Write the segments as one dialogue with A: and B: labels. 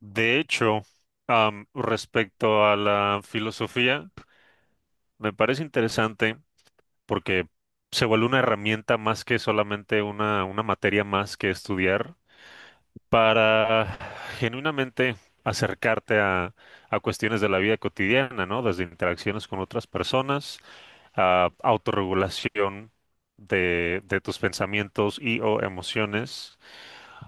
A: De hecho, respecto a la filosofía, me parece interesante porque se vuelve una herramienta más que solamente una materia más que estudiar para genuinamente acercarte a cuestiones de la vida cotidiana, ¿no? Desde interacciones con otras personas, a autorregulación de tus pensamientos y o emociones,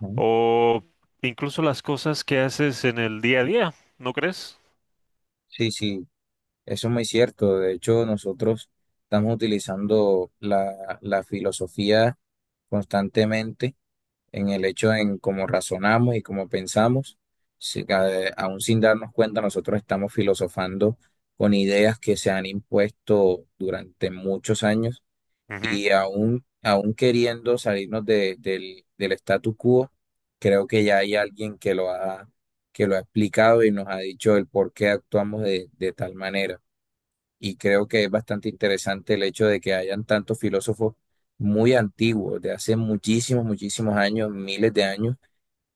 B: Ujú.
A: o incluso las cosas que haces en el día a día, ¿no crees?
B: Sí, sí, eso es muy cierto. De hecho, nosotros estamos utilizando la filosofía constantemente en el hecho en cómo razonamos y cómo pensamos. Aún sin darnos cuenta, nosotros estamos filosofando con ideas que se han impuesto durante muchos años.
A: Ujú.
B: Y aún queriendo salirnos del status quo, creo que ya hay alguien que lo ha explicado y nos ha dicho el por qué actuamos de tal manera. Y creo que es bastante interesante el hecho de que hayan tantos filósofos muy antiguos, de hace muchísimos, muchísimos años, miles de años,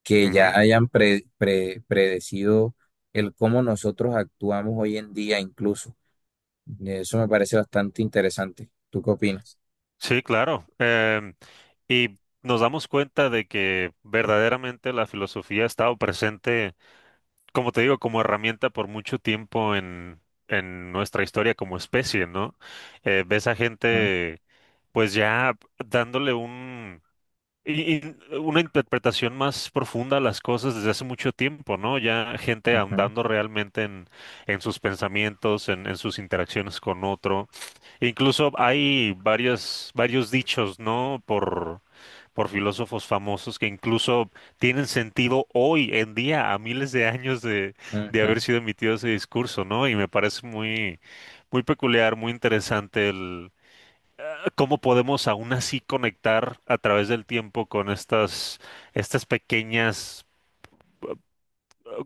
B: que ya
A: Ujú.
B: hayan predecido el cómo nosotros actuamos hoy en día incluso. Eso me parece bastante interesante. ¿Tú qué opinas?
A: Sí, claro. Y nos damos cuenta de que verdaderamente la filosofía ha estado presente, como te digo, como herramienta por mucho tiempo en nuestra historia como especie, ¿no? Ves a
B: Ujú,
A: gente, pues ya dándole un, y una interpretación más profunda a las cosas desde hace mucho tiempo, ¿no? Ya gente
B: ujú.
A: ahondando realmente en sus pensamientos, en sus interacciones con otro. Incluso hay varios dichos, ¿no? Por filósofos famosos que incluso tienen sentido hoy en día, a miles de años de haber
B: Ujú.
A: sido emitido ese discurso, ¿no? Y me parece muy peculiar, muy interesante el cómo podemos aún así conectar a través del tiempo con estas, estas pequeñas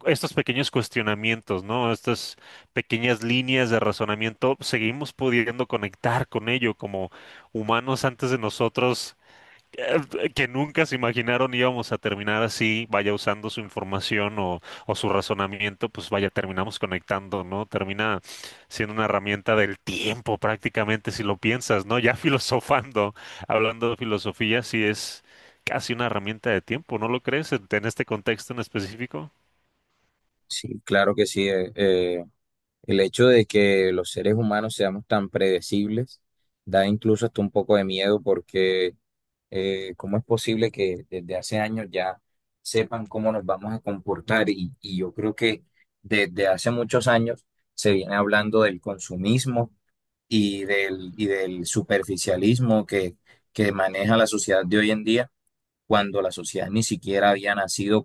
A: estos pequeños cuestionamientos, ¿no? Estas pequeñas líneas de razonamiento, seguimos pudiendo conectar con ello como humanos antes de nosotros que nunca se imaginaron íbamos a terminar así, vaya usando su información o su razonamiento, pues vaya, terminamos conectando, ¿no? Termina siendo una herramienta del tiempo prácticamente, si lo piensas, ¿no? Ya filosofando, hablando de filosofía, sí es casi una herramienta de tiempo, ¿no lo crees en este contexto en específico?
B: Sí, claro que sí. El hecho de que los seres humanos seamos tan predecibles da incluso hasta un poco de miedo porque ¿cómo es posible que desde hace años ya sepan cómo nos vamos a comportar? Y yo creo que desde hace muchos años se viene hablando del consumismo y del superficialismo que maneja la sociedad de hoy en día cuando la sociedad ni siquiera había nacido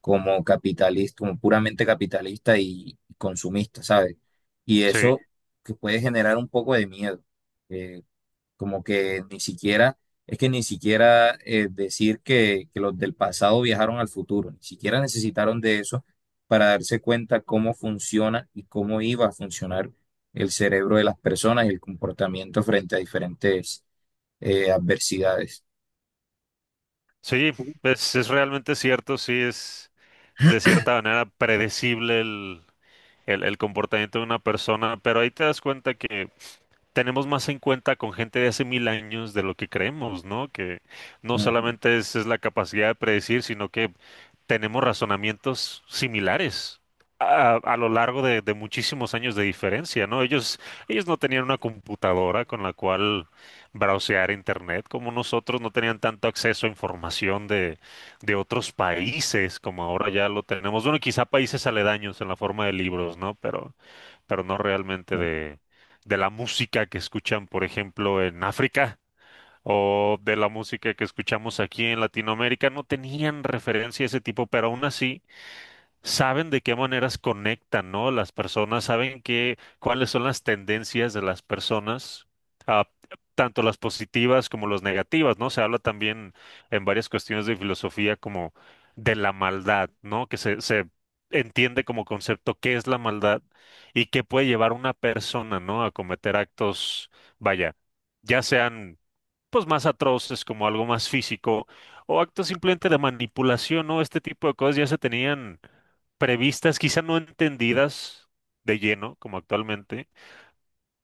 B: como capitalista, como puramente capitalista y consumista, ¿sabes? Y
A: Sí.
B: eso que puede generar un poco de miedo, eh, como que ni siquiera, es que ni siquiera decir que los del pasado viajaron al futuro, ni siquiera necesitaron de eso para darse cuenta cómo funciona y cómo iba a funcionar el cerebro de las personas y el comportamiento frente a diferentes adversidades.
A: Sí, es realmente cierto, sí es de cierta manera predecible el comportamiento de una persona, pero ahí te das cuenta que tenemos más en cuenta con gente de hace 1.000 años de lo que creemos, ¿no? Que no
B: Ujú,
A: solamente es la capacidad de predecir, sino que tenemos razonamientos similares a lo largo de muchísimos años de diferencia, ¿no? Ellos no tenían una computadora con la cual browsear internet como nosotros, no tenían tanto acceso a información de otros países como ahora ya lo tenemos. Bueno, quizá países aledaños en la forma de libros, ¿no? Pero no realmente de la música que escuchan, por ejemplo, en África o de la música que escuchamos aquí en Latinoamérica, no tenían referencia a ese tipo, pero aún así saben de qué maneras conectan, ¿no? Las personas saben qué, cuáles son las tendencias de las personas, ah, tanto las positivas como las negativas, ¿no? Se habla también en varias cuestiones de filosofía como de la maldad, ¿no? Que se entiende como concepto qué es la maldad y qué puede llevar a una persona, ¿no? A cometer actos, vaya ya sean pues más atroces, como algo más físico, o actos simplemente de manipulación, ¿no? Este tipo de cosas ya se tenían previstas, quizá no entendidas de lleno, como actualmente,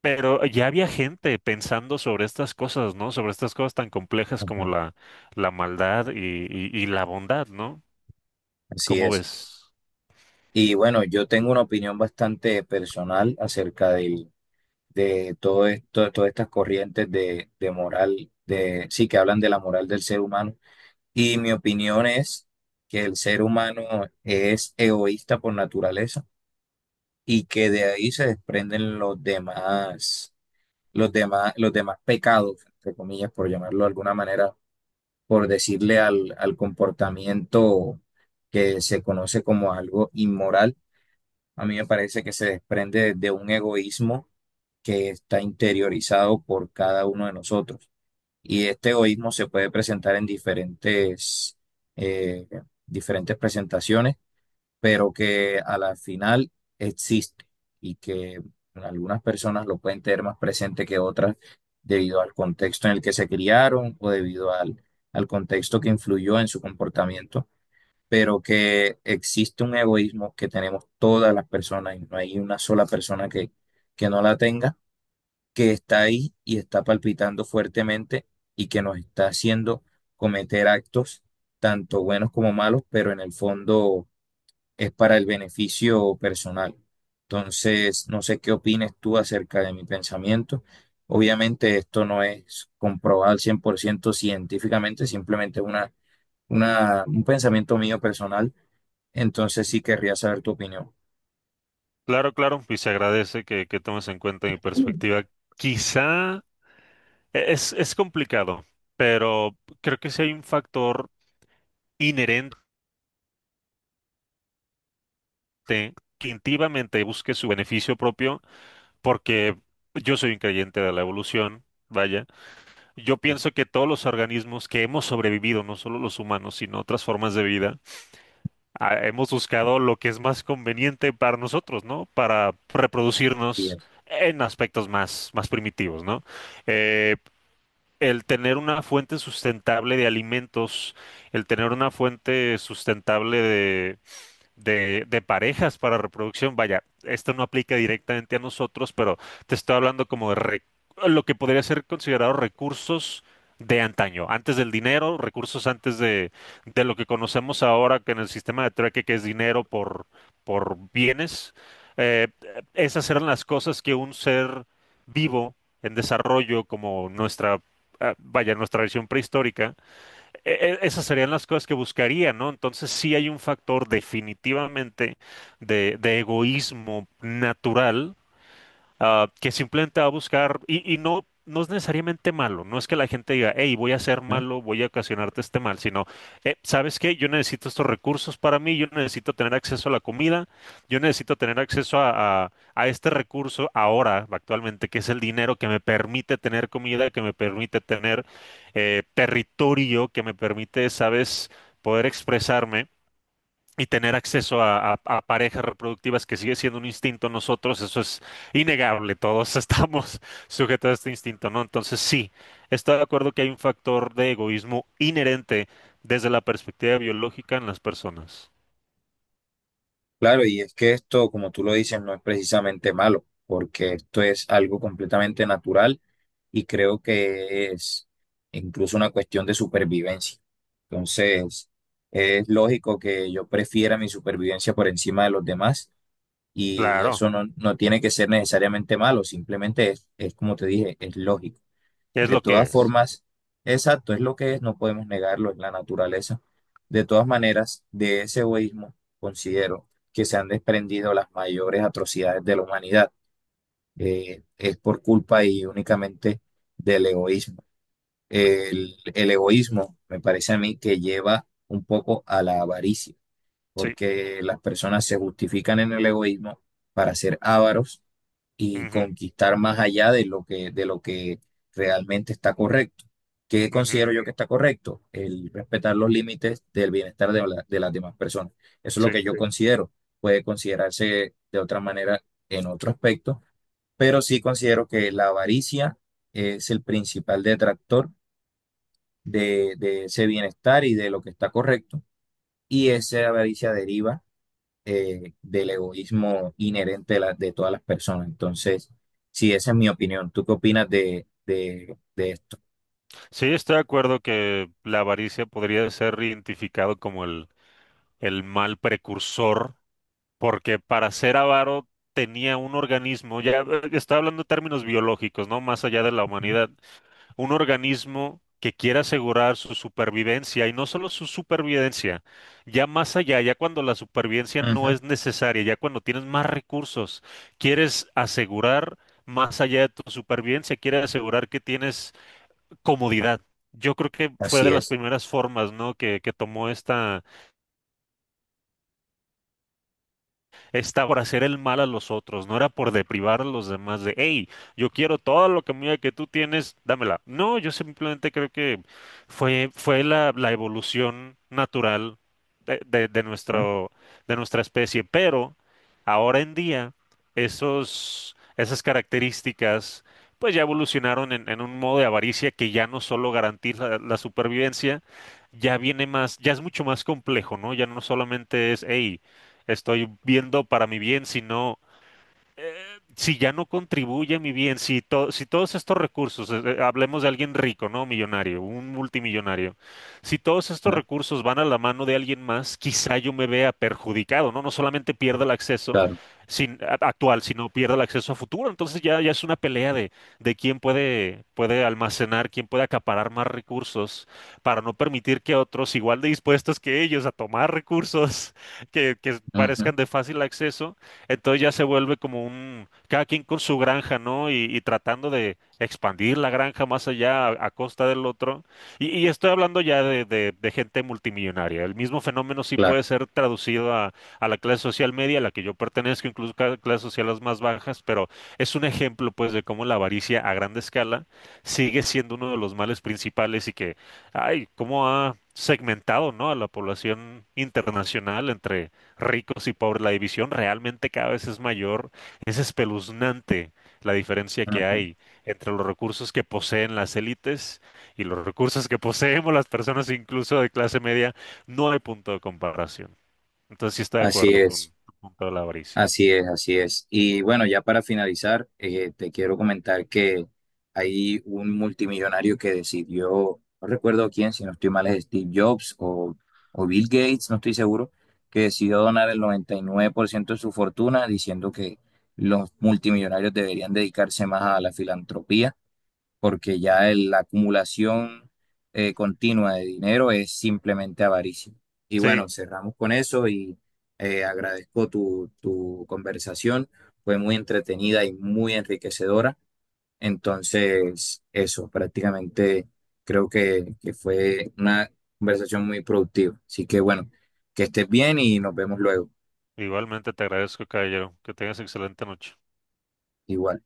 A: pero ya había gente pensando sobre estas cosas, ¿no? Sobre estas cosas tan complejas como
B: ujú.
A: la maldad y la bondad, ¿no?
B: Así
A: ¿Cómo
B: es.
A: ves?
B: Y bueno, yo tengo una opinión bastante personal de todo esto, todas estas corrientes de moral, de, sí, que hablan de la moral del ser humano. Y mi opinión es que el ser humano es egoísta por naturaleza y que de ahí se desprenden los demás pecados, entre comillas, por llamarlo de alguna manera, por decirle al comportamiento que se conoce como algo inmoral. A mí me parece que se desprende de un egoísmo que está interiorizado por cada uno de nosotros. Y este egoísmo se puede presentar en diferentes, eh, diferentes presentaciones, pero que a la final existe y que algunas personas lo pueden tener más presente que otras debido al contexto en el que se criaron o al contexto que influyó en su comportamiento, pero que existe un egoísmo que tenemos todas las personas y no hay una sola persona que no la tenga, que está ahí y está palpitando fuertemente y que nos está haciendo cometer actos tanto buenos como malos, pero en el fondo es para el beneficio personal. Entonces, no sé qué opines tú acerca de mi pensamiento. Obviamente esto no es comprobado al 100% científicamente, simplemente es un pensamiento mío personal, entonces sí querría saber tu opinión.
A: Claro, claro, y se agradece que tomes en cuenta mi perspectiva. Quizá es complicado, pero creo que sí hay un factor inherente que activamente busque su beneficio propio, porque yo soy un creyente de la evolución, vaya. Yo pienso que todos los organismos que hemos sobrevivido, no solo los humanos, sino otras formas de vida, hemos buscado lo que es más conveniente para nosotros, ¿no? Para
B: Y
A: reproducirnos
B: es-
A: en aspectos más primitivos, ¿no? Eh, El tener una fuente sustentable de alimentos, el tener una fuente sustentable de parejas para reproducción. Vaya, esto no aplica directamente a nosotros, pero te estoy hablando como lo que podría ser considerado recursos de antaño, antes del dinero, recursos antes de lo que conocemos ahora que en el sistema de trueque, que es dinero por bienes. Eh, esas eran las cosas que un ser vivo en desarrollo, como nuestra versión prehistórica, esas serían las cosas que buscaría, ¿no? Entonces sí hay un factor definitivamente de egoísmo natural que simplemente va a buscar, y no, no es necesariamente malo, no es que la gente diga, hey, voy a ser
B: ¿No?
A: malo, voy a ocasionarte este mal, sino, ¿sabes qué? Yo necesito estos recursos para mí, yo necesito tener acceso a la comida, yo necesito tener acceso a, a este recurso ahora, actualmente, que es el dinero que me permite tener comida, que me permite tener territorio, que me permite, ¿sabes? Poder expresarme y tener acceso a, a parejas reproductivas que sigue siendo un instinto en nosotros, eso es innegable, todos estamos sujetos a este instinto, ¿no? Entonces sí, estoy de acuerdo que hay un factor de egoísmo inherente desde la perspectiva biológica en las personas.
B: Claro, y es que esto, como tú lo dices, no es precisamente malo, porque esto es algo completamente natural y creo que es incluso una cuestión de supervivencia. Entonces, es lógico que yo prefiera mi supervivencia por encima de los demás y
A: Claro,
B: eso no tiene que ser necesariamente malo, simplemente es como te dije, es lógico.
A: es
B: De
A: lo que
B: todas
A: es.
B: formas, exacto, es lo que es, no podemos negarlo, es la naturaleza. De todas maneras, de ese egoísmo considero que se han desprendido las mayores atrocidades de la humanidad. Es por culpa y únicamente del egoísmo. El egoísmo me parece a mí que lleva un poco a la avaricia,
A: Sí.
B: porque las personas se justifican en el egoísmo para ser ávaros y
A: Ujú.
B: conquistar más allá de lo que realmente está correcto. ¿Qué
A: Ujú.
B: considero yo que está correcto? El respetar los límites del bienestar de las demás personas. Eso es lo
A: Sí.
B: que yo sí, considero. Puede considerarse de otra manera en otro aspecto, pero sí considero que la avaricia es el principal detractor de ese bienestar y de lo que está correcto. Y esa avaricia deriva del egoísmo inherente de todas las personas. Entonces, sí, esa es mi opinión. ¿Tú qué opinas de esto?
A: Sí, estoy de acuerdo que la avaricia podría ser identificado como el mal precursor porque para ser avaro tenía un organismo, ya está hablando en términos biológicos, ¿no? Más allá de la humanidad, un organismo que quiere asegurar su supervivencia y no solo su supervivencia, ya más allá, ya cuando la supervivencia no
B: Ujú,
A: es necesaria, ya cuando tienes más recursos, quieres asegurar más allá de tu supervivencia, quieres asegurar que tienes comodidad. Yo creo que fue de
B: así
A: las
B: es.
A: primeras formas, ¿no? Que tomó esta está por hacer el mal a los otros, no era por deprivar a los demás de, hey, yo quiero todo lo que mira que tú tienes, dámela. No, yo simplemente creo que fue la evolución natural de
B: Ujú,
A: nuestro, de nuestra especie, pero ahora en día esas características pues ya evolucionaron en un modo de avaricia que ya no solo garantiza la supervivencia, ya viene más, ya es mucho más complejo, ¿no? Ya no solamente es, hey, estoy viendo para mi bien, sino eh, si ya no contribuye mi bien, si todos estos recursos, hablemos de alguien rico, ¿no? Millonario, un multimillonario, si todos estos
B: ujú,
A: recursos van a la mano de alguien más, quizá yo me vea perjudicado, ¿no? No solamente pierda el acceso
B: claro.
A: sin, a- actual, sino pierda el acceso a futuro. Entonces ya es una pelea de quién puede, puede almacenar, quién puede acaparar más recursos para no permitir que otros, igual de dispuestos que ellos a tomar recursos que
B: Ujú,
A: parezcan de fácil acceso, entonces ya se vuelve como un, cada quien con su granja, ¿no? Y tratando de expandir la granja más allá a costa del otro. Y estoy hablando ya de, de gente multimillonaria. El mismo fenómeno sí
B: claro.
A: puede ser traducido a la clase social media, a la que yo pertenezco, incluso a clases sociales más bajas, pero es un ejemplo, pues, de cómo la avaricia a grande escala sigue siendo uno de los males principales y que, ay, cómo ha segmentado, ¿no? a la población internacional entre ricos y pobres. La división realmente cada vez es mayor. Es espeluznante la diferencia que
B: Ujú,
A: hay entre los recursos que poseen las élites y los recursos que poseemos las personas incluso de clase media. No hay punto de comparación. Entonces sí estoy de
B: así
A: acuerdo
B: es.
A: con tu punto de la avaricia.
B: Así es, así es. Y bueno, ya para finalizar, te quiero comentar que hay un multimillonario que decidió, no recuerdo quién, si no estoy mal, es Steve Jobs o Bill Gates, no estoy seguro, que decidió donar el 99% de su fortuna diciendo que los multimillonarios deberían dedicarse más a la filantropía porque ya la acumulación continua de dinero es simplemente avaricia. Y
A: Sí,
B: bueno, cerramos con eso y agradezco tu, tu conversación, fue muy entretenida y muy enriquecedora. Entonces, eso, prácticamente creo que fue una conversación muy productiva. Así que bueno, que estés bien y nos vemos luego.
A: igualmente te agradezco, caballero. Que tengas excelente noche.
B: Igual.